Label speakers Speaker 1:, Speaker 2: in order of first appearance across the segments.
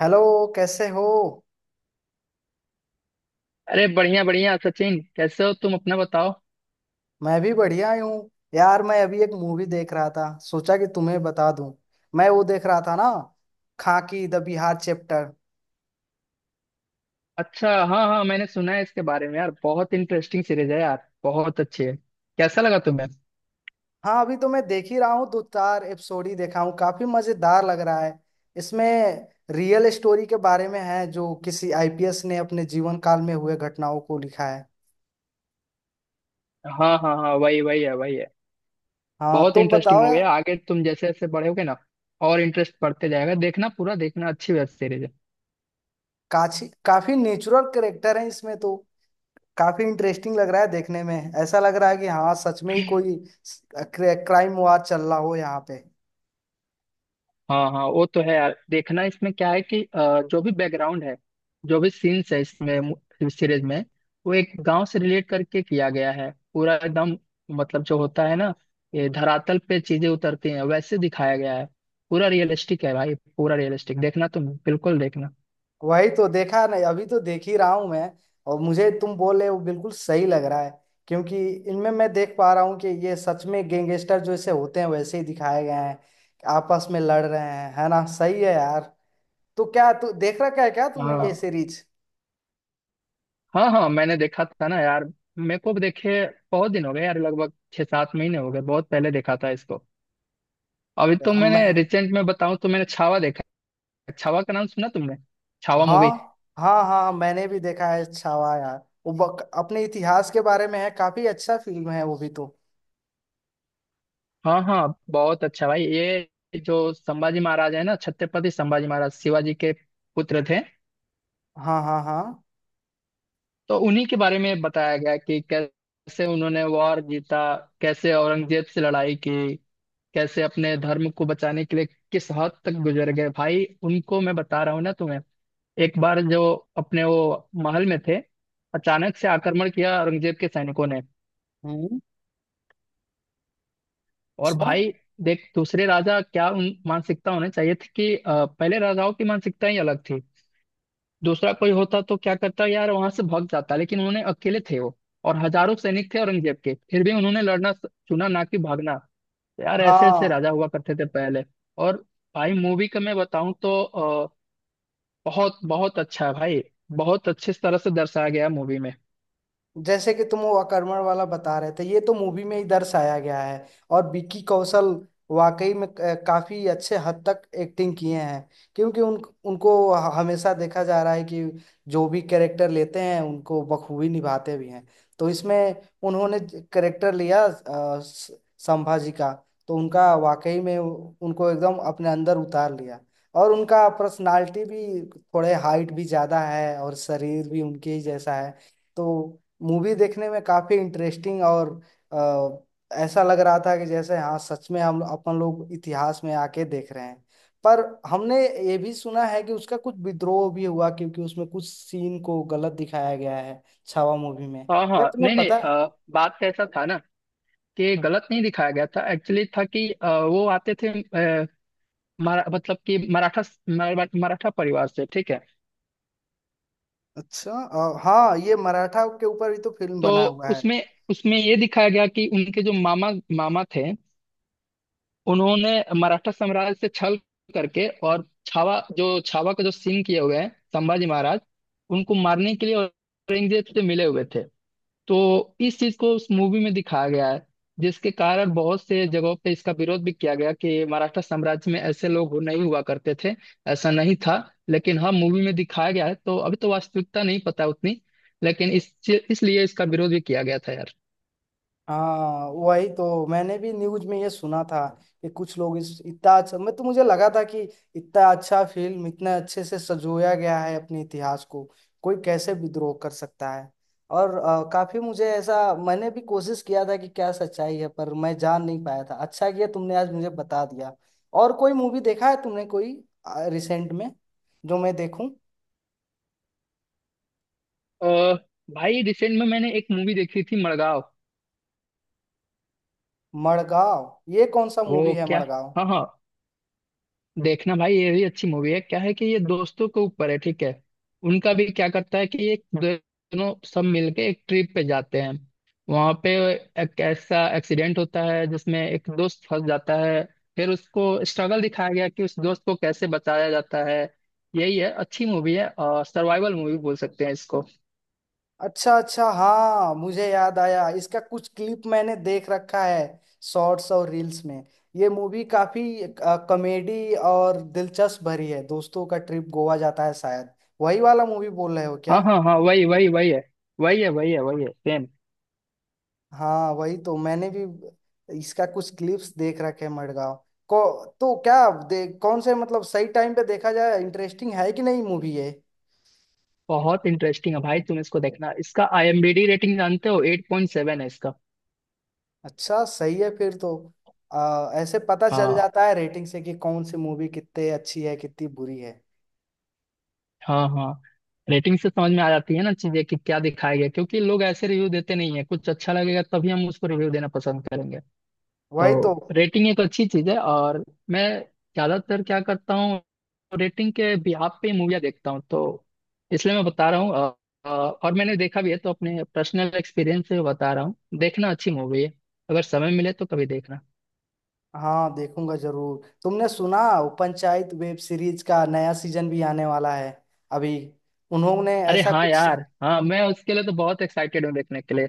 Speaker 1: Hello. कैसे हो?
Speaker 2: अरे बढ़िया बढ़िया सचिन, कैसे हो तुम? अपना बताओ।
Speaker 1: मैं भी बढ़िया ही हूँ यार। मैं अभी एक मूवी देख रहा था, सोचा कि तुम्हें बता दूं। मैं वो देख रहा था ना, खाकी द बिहार चैप्टर।
Speaker 2: अच्छा, हाँ हाँ, मैंने सुना है इसके बारे में यार। बहुत इंटरेस्टिंग सीरीज है यार, बहुत अच्छी है। कैसा लगा तुम्हें?
Speaker 1: हाँ, अभी तो मैं देख ही रहा हूँ, दो चार एपिसोड ही देखा हूँ। काफी मजेदार लग रहा है। इसमें रियल स्टोरी के बारे में है, जो किसी आईपीएस ने अपने जीवन काल में हुए घटनाओं को लिखा है।
Speaker 2: हाँ हाँ हाँ, वही वही है, वही है।
Speaker 1: हाँ,
Speaker 2: बहुत
Speaker 1: तो
Speaker 2: इंटरेस्टिंग
Speaker 1: बताओ
Speaker 2: हो
Speaker 1: यार।
Speaker 2: गया आगे। तुम जैसे जैसे बढ़ोगे ना, और इंटरेस्ट बढ़ते जाएगा। देखना, पूरा देखना, अच्छी वेब सीरीज है।
Speaker 1: काफी काफी नेचुरल कैरेक्टर है इसमें तो। काफी इंटरेस्टिंग लग रहा है देखने में। ऐसा लग रहा है कि हाँ सच में ही कोई क्राइम वार चल रहा हो यहाँ पे।
Speaker 2: हाँ हाँ, वो तो है यार। देखना, इसमें क्या है कि जो भी बैकग्राउंड है, जो भी सीन्स है इसमें, सीरीज में, वो एक गांव से रिलेट करके किया गया है पूरा, एकदम। मतलब, जो होता है ना, ये धरातल पे चीजें उतरती हैं वैसे दिखाया गया है। पूरा रियलिस्टिक है भाई, पूरा रियलिस्टिक। देखना तुम, बिल्कुल देखना।
Speaker 1: वही तो देखा नहीं, अभी तो देख ही रहा हूँ मैं। और मुझे तुम बोले वो बिल्कुल सही लग रहा है। क्योंकि इनमें मैं देख पा रहा हूँ कि ये सच में गैंगस्टर जैसे होते हैं वैसे ही दिखाए गए हैं। आपस में लड़ रहे हैं, है ना? सही है यार। तो क्या तू देख रखा है क्या तुमने ये
Speaker 2: हाँ
Speaker 1: सीरीज?
Speaker 2: हाँ हाँ, मैंने देखा था ना यार। मेरे को भी देखे बहुत दिन हो गए यार, लगभग 6-7 महीने हो गए, बहुत पहले देखा था इसको। अभी तो मैंने, रिसेंट में बताऊं तो, मैंने छावा देखा। छावा का नाम सुना तुमने? छावा मूवी।
Speaker 1: हाँ हाँ हाँ, मैंने भी देखा है छावा यार। वो अपने इतिहास के बारे में है, काफी अच्छा फिल्म है वो भी तो।
Speaker 2: हाँ हाँ, बहुत अच्छा भाई। ये जो संभाजी महाराज है ना, छत्रपति संभाजी महाराज, शिवाजी के पुत्र थे।
Speaker 1: हाँ हाँ हाँ।
Speaker 2: तो उन्हीं के बारे में बताया गया कि कैसे उन्होंने वॉर जीता, कैसे औरंगजेब से लड़ाई की, कैसे अपने धर्म को बचाने के लिए किस हद तक गुजर गए भाई। उनको मैं बता रहा हूँ ना तुम्हें। एक बार, जो अपने वो महल में थे, अचानक से आक्रमण किया औरंगजेब के सैनिकों ने।
Speaker 1: हम्म।
Speaker 2: और
Speaker 1: अच्छा।
Speaker 2: भाई, देख, दूसरे राजा क्या उन मानसिकता होने चाहिए थी कि पहले राजाओं की मानसिकता ही अलग थी। दूसरा कोई होता तो क्या करता यार, वहां से भाग जाता। लेकिन उन्होंने, अकेले थे वो, और हजारों सैनिक थे औरंगजेब के, फिर भी उन्होंने लड़ना चुना, ना कि भागना। यार ऐसे ऐसे
Speaker 1: हाँ,
Speaker 2: राजा हुआ करते थे पहले। और भाई, मूवी का मैं बताऊं तो बहुत बहुत अच्छा है भाई। बहुत अच्छे तरह से दर्शाया गया मूवी में।
Speaker 1: जैसे कि तुम वो अकर्मण वाला बता रहे थे, ये तो मूवी में ही दर्शाया गया है। और विकी कौशल वाकई में काफी अच्छे हद तक एक्टिंग किए हैं। क्योंकि उन उनको हमेशा देखा जा रहा है कि जो भी कैरेक्टर लेते हैं उनको बखूबी निभाते भी हैं। तो इसमें उन्होंने कैरेक्टर लिया संभाजी का। तो उनका वाकई में उनको एकदम अपने अंदर उतार लिया। और उनका पर्सनालिटी भी थोड़े हाइट भी ज्यादा है और शरीर भी उनके ही जैसा है। तो मूवी देखने में काफी इंटरेस्टिंग। और ऐसा लग रहा था कि जैसे हाँ सच में हम अपन लोग इतिहास में आके देख रहे हैं। पर हमने ये भी सुना है कि उसका कुछ विद्रोह भी हुआ, क्योंकि उसमें कुछ सीन को गलत दिखाया गया है छावा मूवी में,
Speaker 2: हाँ
Speaker 1: क्या
Speaker 2: हाँ,
Speaker 1: तुम्हें
Speaker 2: नहीं नहीं,
Speaker 1: पता है?
Speaker 2: बात ऐसा था ना, कि गलत नहीं दिखाया गया था। एक्चुअली था कि वो आते थे, मतलब कि मराठा, मराठा परिवार से, ठीक है।
Speaker 1: अच्छा। हाँ, ये मराठा के ऊपर भी तो फिल्म
Speaker 2: तो
Speaker 1: बना हुआ है।
Speaker 2: उसमें उसमें ये दिखाया गया कि उनके जो मामा, मामा थे, उन्होंने मराठा साम्राज्य से छल करके, और छावा, जो छावा का जो सीन किए हुए हैं संभाजी महाराज, उनको मारने के लिए औरंगजेब से मिले हुए थे। तो इस चीज को उस मूवी में दिखाया गया है, जिसके कारण बहुत से जगहों पे इसका विरोध भी किया गया कि मराठा साम्राज्य में ऐसे लोग हो, नहीं हुआ करते थे। ऐसा नहीं था। लेकिन हाँ, मूवी में दिखाया गया है तो अभी तो वास्तविकता नहीं पता उतनी। लेकिन इस इसलिए इसका विरोध भी किया गया था यार।
Speaker 1: हाँ वही तो मैंने भी न्यूज में ये सुना था कि कुछ लोग इस इतना अच्छा, मैं तो मुझे लगा था कि इतना अच्छा फिल्म इतना अच्छे से सजोया गया है अपने इतिहास को, कोई कैसे विद्रोह कर सकता है। और काफी मुझे ऐसा मैंने भी कोशिश किया था कि क्या सच्चाई है, पर मैं जान नहीं पाया था। अच्छा किया तुमने आज मुझे बता दिया। और कोई मूवी देखा है तुमने कोई रिसेंट में, जो मैं देखूं?
Speaker 2: अ, भाई, रिसेंट में मैंने एक मूवी देखी थी, मड़गांव।
Speaker 1: मड़गांव, ये कौन सा मूवी
Speaker 2: वो
Speaker 1: है
Speaker 2: क्या,
Speaker 1: मड़गांव?
Speaker 2: हाँ हाँ, देखना भाई, ये भी अच्छी मूवी है। क्या है कि ये दोस्तों के ऊपर है, ठीक है। उनका भी क्या करता है कि ये दोनों सब मिलके एक ट्रिप पे जाते हैं। वहां पे एक ऐसा एक्सीडेंट होता है जिसमें एक दोस्त फंस जाता है। फिर उसको स्ट्रगल दिखाया गया कि उस दोस्त को कैसे बचाया जाता है। यही है, अच्छी मूवी है, और सर्वाइवल मूवी बोल सकते हैं इसको।
Speaker 1: अच्छा अच्छा, हाँ मुझे याद आया, इसका कुछ क्लिप मैंने देख रखा है शॉर्ट्स और रील्स में। ये मूवी काफी कॉमेडी और दिलचस्प भरी है, दोस्तों का ट्रिप गोवा जाता है शायद। वही वाला मूवी बोल रहे हो
Speaker 2: हाँ
Speaker 1: क्या?
Speaker 2: हाँ हाँ, वही वही वही है, वही है, वही है, वही है, सेम।
Speaker 1: हाँ वही तो मैंने भी इसका कुछ क्लिप्स देख रखे हैं मडगांव को। तो क्या कौन से मतलब सही टाइम पे देखा जाए? इंटरेस्टिंग है कि नहीं मूवी ये?
Speaker 2: बहुत इंटरेस्टिंग है भाई, तुम इसको देखना। इसका आईएमडीबी रेटिंग जानते हो? 8.7 है इसका।
Speaker 1: अच्छा, सही है फिर तो। ऐसे पता चल
Speaker 2: हाँ
Speaker 1: जाता है रेटिंग से कि कौन सी मूवी कितनी अच्छी है, कितनी बुरी है।
Speaker 2: हाँ हाँ, रेटिंग से समझ में आ जाती है ना चीजें, कि क्या दिखाया गया। क्योंकि लोग ऐसे रिव्यू देते नहीं है, कुछ अच्छा लगेगा तभी हम उसको रिव्यू देना पसंद करेंगे। तो
Speaker 1: वही तो।
Speaker 2: रेटिंग एक अच्छी चीज है। और मैं ज्यादातर क्या करता हूँ, रेटिंग के बिहाफ पे मूवियाँ देखता हूँ, तो इसलिए मैं बता रहा हूँ और मैंने देखा भी है, तो अपने पर्सनल एक्सपीरियंस से बता रहा हूँ, देखना अच्छी मूवी है। अगर समय मिले तो कभी देखना।
Speaker 1: हाँ देखूंगा जरूर। तुमने सुना वो पंचायत वेब सीरीज का नया सीजन भी आने वाला है अभी, उन्होंने
Speaker 2: अरे
Speaker 1: ऐसा
Speaker 2: हाँ
Speaker 1: कुछ।
Speaker 2: यार, हाँ, मैं उसके लिए तो बहुत एक्साइटेड हूँ देखने के लिए।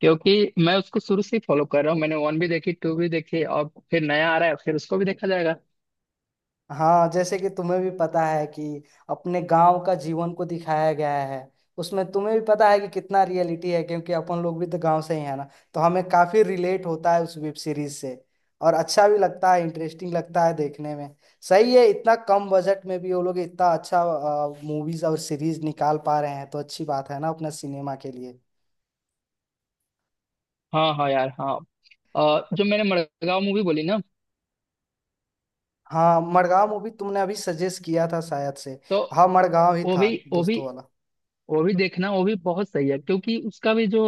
Speaker 2: क्योंकि मैं उसको शुरू से ही फॉलो कर रहा हूँ। मैंने वन भी देखी, टू भी देखी, और फिर नया आ रहा है, फिर उसको भी देखा जाएगा।
Speaker 1: हाँ, जैसे कि तुम्हें भी पता है कि अपने गांव का जीवन को दिखाया गया है उसमें। तुम्हें भी पता है कि कितना रियलिटी है क्योंकि अपन लोग भी तो गांव से ही है ना। तो हमें काफी रिलेट होता है उस वेब सीरीज से। और अच्छा भी लगता है, इंटरेस्टिंग लगता है देखने में। सही है, इतना कम बजट में भी वो लोग इतना अच्छा मूवीज और सीरीज निकाल पा रहे हैं, तो अच्छी बात है ना अपना सिनेमा के लिए।
Speaker 2: हाँ हाँ यार हाँ, जो मैंने मड़गांव मूवी बोली ना,
Speaker 1: हाँ मड़गांव मूवी तुमने अभी सजेस्ट किया था शायद से।
Speaker 2: तो
Speaker 1: हाँ मड़गांव ही
Speaker 2: वो भी
Speaker 1: था
Speaker 2: वो भी
Speaker 1: दोस्तों वाला।
Speaker 2: वो भी देखना, वो भी बहुत सही है, क्योंकि उसका भी जो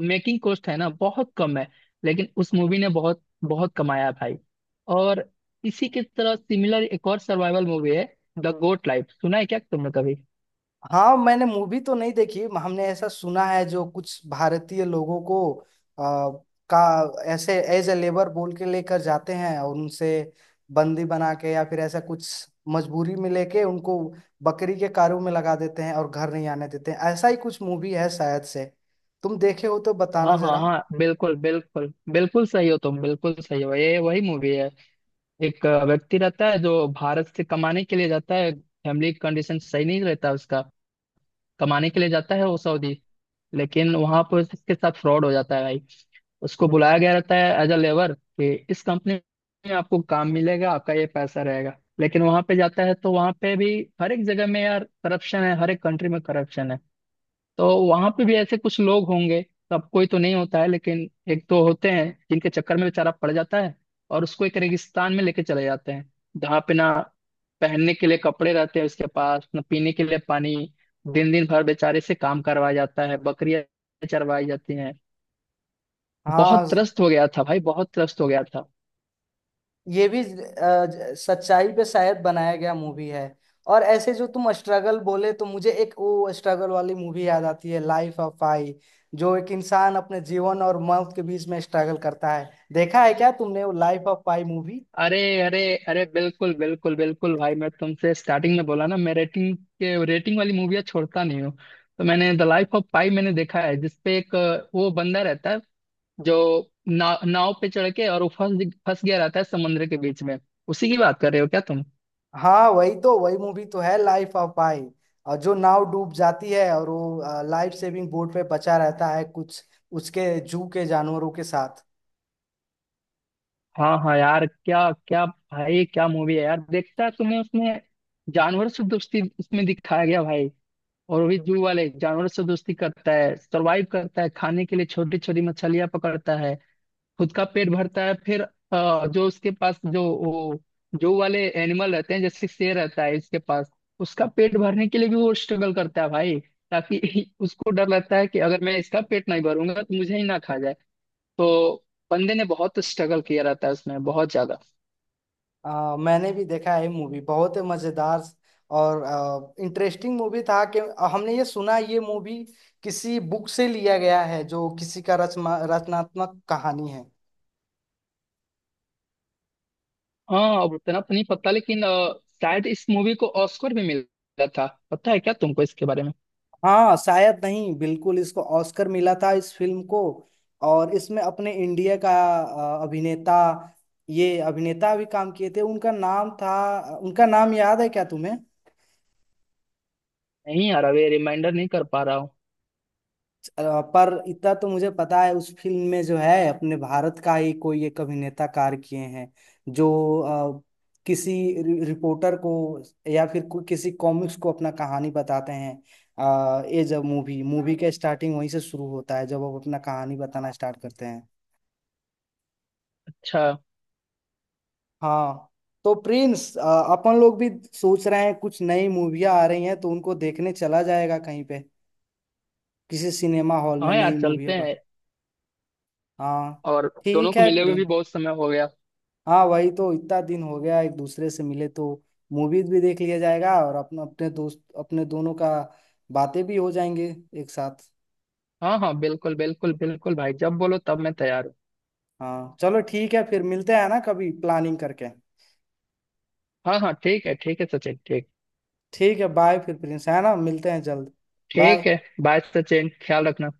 Speaker 2: मेकिंग कॉस्ट है ना, बहुत कम है। लेकिन उस मूवी ने बहुत बहुत कमाया है भाई। और इसी की तरह सिमिलर एक और सर्वाइवल मूवी है, द गोट लाइफ, सुना है क्या तुमने कभी?
Speaker 1: हाँ मैंने मूवी तो नहीं देखी। हमने ऐसा सुना है जो कुछ भारतीय लोगों को आ, का ऐसे एज ए लेबर बोल के लेकर जाते हैं, और उनसे बंदी बना के या फिर ऐसा कुछ मजबूरी में लेके उनको बकरी के कारों में लगा देते हैं और घर नहीं आने देते हैं, ऐसा ही कुछ मूवी है शायद से। तुम देखे हो तो बताना
Speaker 2: हाँ हाँ
Speaker 1: जरा।
Speaker 2: हाँ, बिल्कुल बिल्कुल बिल्कुल सही हो तुम, बिल्कुल सही हो, ये वही मूवी है। एक व्यक्ति रहता है जो भारत से कमाने के लिए जाता है, फैमिली कंडीशन सही नहीं रहता उसका। कमाने के लिए जाता है वो सऊदी। लेकिन वहां पर उसके साथ फ्रॉड हो जाता है भाई। उसको बुलाया गया रहता है एज अ लेबर, कि इस कंपनी में आपको काम मिलेगा, आपका ये पैसा रहेगा। लेकिन वहां पे जाता है तो वहां पे भी, हर एक जगह में यार करप्शन है, हर एक कंट्री में करप्शन है। तो वहां पे भी ऐसे कुछ लोग होंगे, सबको ही तो नहीं होता है, लेकिन एक दो होते हैं जिनके चक्कर में बेचारा पड़ जाता है। और उसको एक रेगिस्तान में लेके चले जाते हैं, जहाँ पे ना पहनने के लिए कपड़े रहते हैं उसके पास, ना पीने के लिए पानी। दिन दिन भर बेचारे से काम करवाया जाता है, बकरियां चरवाई जाती हैं।
Speaker 1: हाँ,
Speaker 2: बहुत त्रस्त हो गया था भाई, बहुत त्रस्त हो गया था।
Speaker 1: ये भी सच्चाई पे शायद बनाया गया मूवी है। और ऐसे जो तुम स्ट्रगल बोले तो मुझे एक वो स्ट्रगल वाली मूवी याद आती है, लाइफ ऑफ पाई। जो एक इंसान अपने जीवन और मौत के बीच में स्ट्रगल करता है, देखा है क्या तुमने वो लाइफ ऑफ पाई मूवी?
Speaker 2: अरे अरे अरे, बिल्कुल बिल्कुल बिल्कुल भाई, मैं तुमसे स्टार्टिंग में बोला ना, मैं रेटिंग वाली मूवियाँ छोड़ता नहीं हूँ। तो मैंने द लाइफ ऑफ पाई मैंने देखा है, जिसपे एक वो बंदा रहता है, जो नाव पे चढ़ के और वो फंस फंस गया रहता है समुद्र के बीच में। उसी की बात कर रहे हो क्या तुम?
Speaker 1: हाँ वही तो, वही मूवी तो है लाइफ ऑफ पाई। और जो नाव डूब जाती है और वो लाइफ सेविंग बोट पे बचा रहता है कुछ, उसके जू के जानवरों के साथ।
Speaker 2: हाँ हाँ यार, क्या क्या भाई, क्या मूवी है यार। देखता है तुम्हें उसमें, जानवर से दोस्ती उसमें दिखाया गया भाई। और वो भी जू वाले जानवर से दोस्ती करता है, सरवाइव करता है, खाने के लिए छोटी छोटी मछलियां पकड़ता है, खुद का पेट भरता है। फिर जो उसके पास, जो वाले एनिमल रहते हैं, जैसे शेर रहता है इसके पास, उसका पेट भरने के लिए भी वो स्ट्रगल करता है भाई। ताकि उसको डर लगता है कि अगर मैं इसका पेट नहीं भरूंगा तो मुझे ही ना खा जाए। तो बंदे ने बहुत स्ट्रगल किया रहता है उसमें, बहुत ज्यादा।
Speaker 1: मैंने भी देखा है मूवी। बहुत मजेदार और इंटरेस्टिंग मूवी था कि हमने ये सुना ये मूवी किसी बुक से लिया गया है, जो किसी का रचनात्मक कहानी है।
Speaker 2: हाँ, अब उतना तो नहीं पता, लेकिन शायद इस मूवी को ऑस्कर भी मिला था, पता है क्या तुमको इसके बारे में?
Speaker 1: हाँ शायद नहीं, बिल्कुल इसको ऑस्कर मिला था इस फिल्म को। और इसमें अपने इंडिया का अभिनेता, ये अभिनेता भी काम किए थे। उनका नाम था, उनका नाम याद है क्या तुम्हें?
Speaker 2: नहीं यार, अभी रिमाइंडर नहीं कर पा रहा हूँ।
Speaker 1: अ, पर इतना तो मुझे पता है उस फिल्म में जो है अपने भारत का ही कोई एक अभिनेता कार्य किए हैं, जो अ, किसी रिपोर्टर को या फिर किसी कॉमिक्स को अपना कहानी बताते हैं। ये जब मूवी मूवी का स्टार्टिंग वहीं से शुरू होता है जब वो अपना कहानी बताना स्टार्ट करते हैं।
Speaker 2: अच्छा।
Speaker 1: हाँ। तो प्रिंस, अपन लोग भी सोच रहे हैं कुछ नई मूवियाँ आ रही हैं तो उनको देखने चला जाएगा कहीं पे, किसी सिनेमा हॉल में
Speaker 2: हाँ यार
Speaker 1: नई
Speaker 2: चलते
Speaker 1: मूवियों पर।
Speaker 2: हैं।
Speaker 1: हाँ,
Speaker 2: और दोनों
Speaker 1: ठीक
Speaker 2: को
Speaker 1: है
Speaker 2: मिले हुए भी
Speaker 1: प्रिंस।
Speaker 2: बहुत समय हो गया।
Speaker 1: हाँ वही तो, इतना दिन हो गया एक दूसरे से मिले तो। मूवीज भी देख लिया जाएगा और अपना अपने दोस्त अपने दोनों का बातें भी हो जाएंगे एक साथ।
Speaker 2: हाँ हाँ, बिल्कुल बिल्कुल बिल्कुल भाई, जब बोलो तब मैं तैयार हूँ।
Speaker 1: हाँ चलो, ठीक है फिर मिलते हैं ना कभी प्लानिंग करके।
Speaker 2: हाँ हाँ, ठीक है, ठीक है सचिन, ठीक।
Speaker 1: ठीक है, बाय फिर प्रिंस, है ना, मिलते हैं जल्द।
Speaker 2: ठीक
Speaker 1: बाय।
Speaker 2: है। बाय सचिन, ख्याल रखना।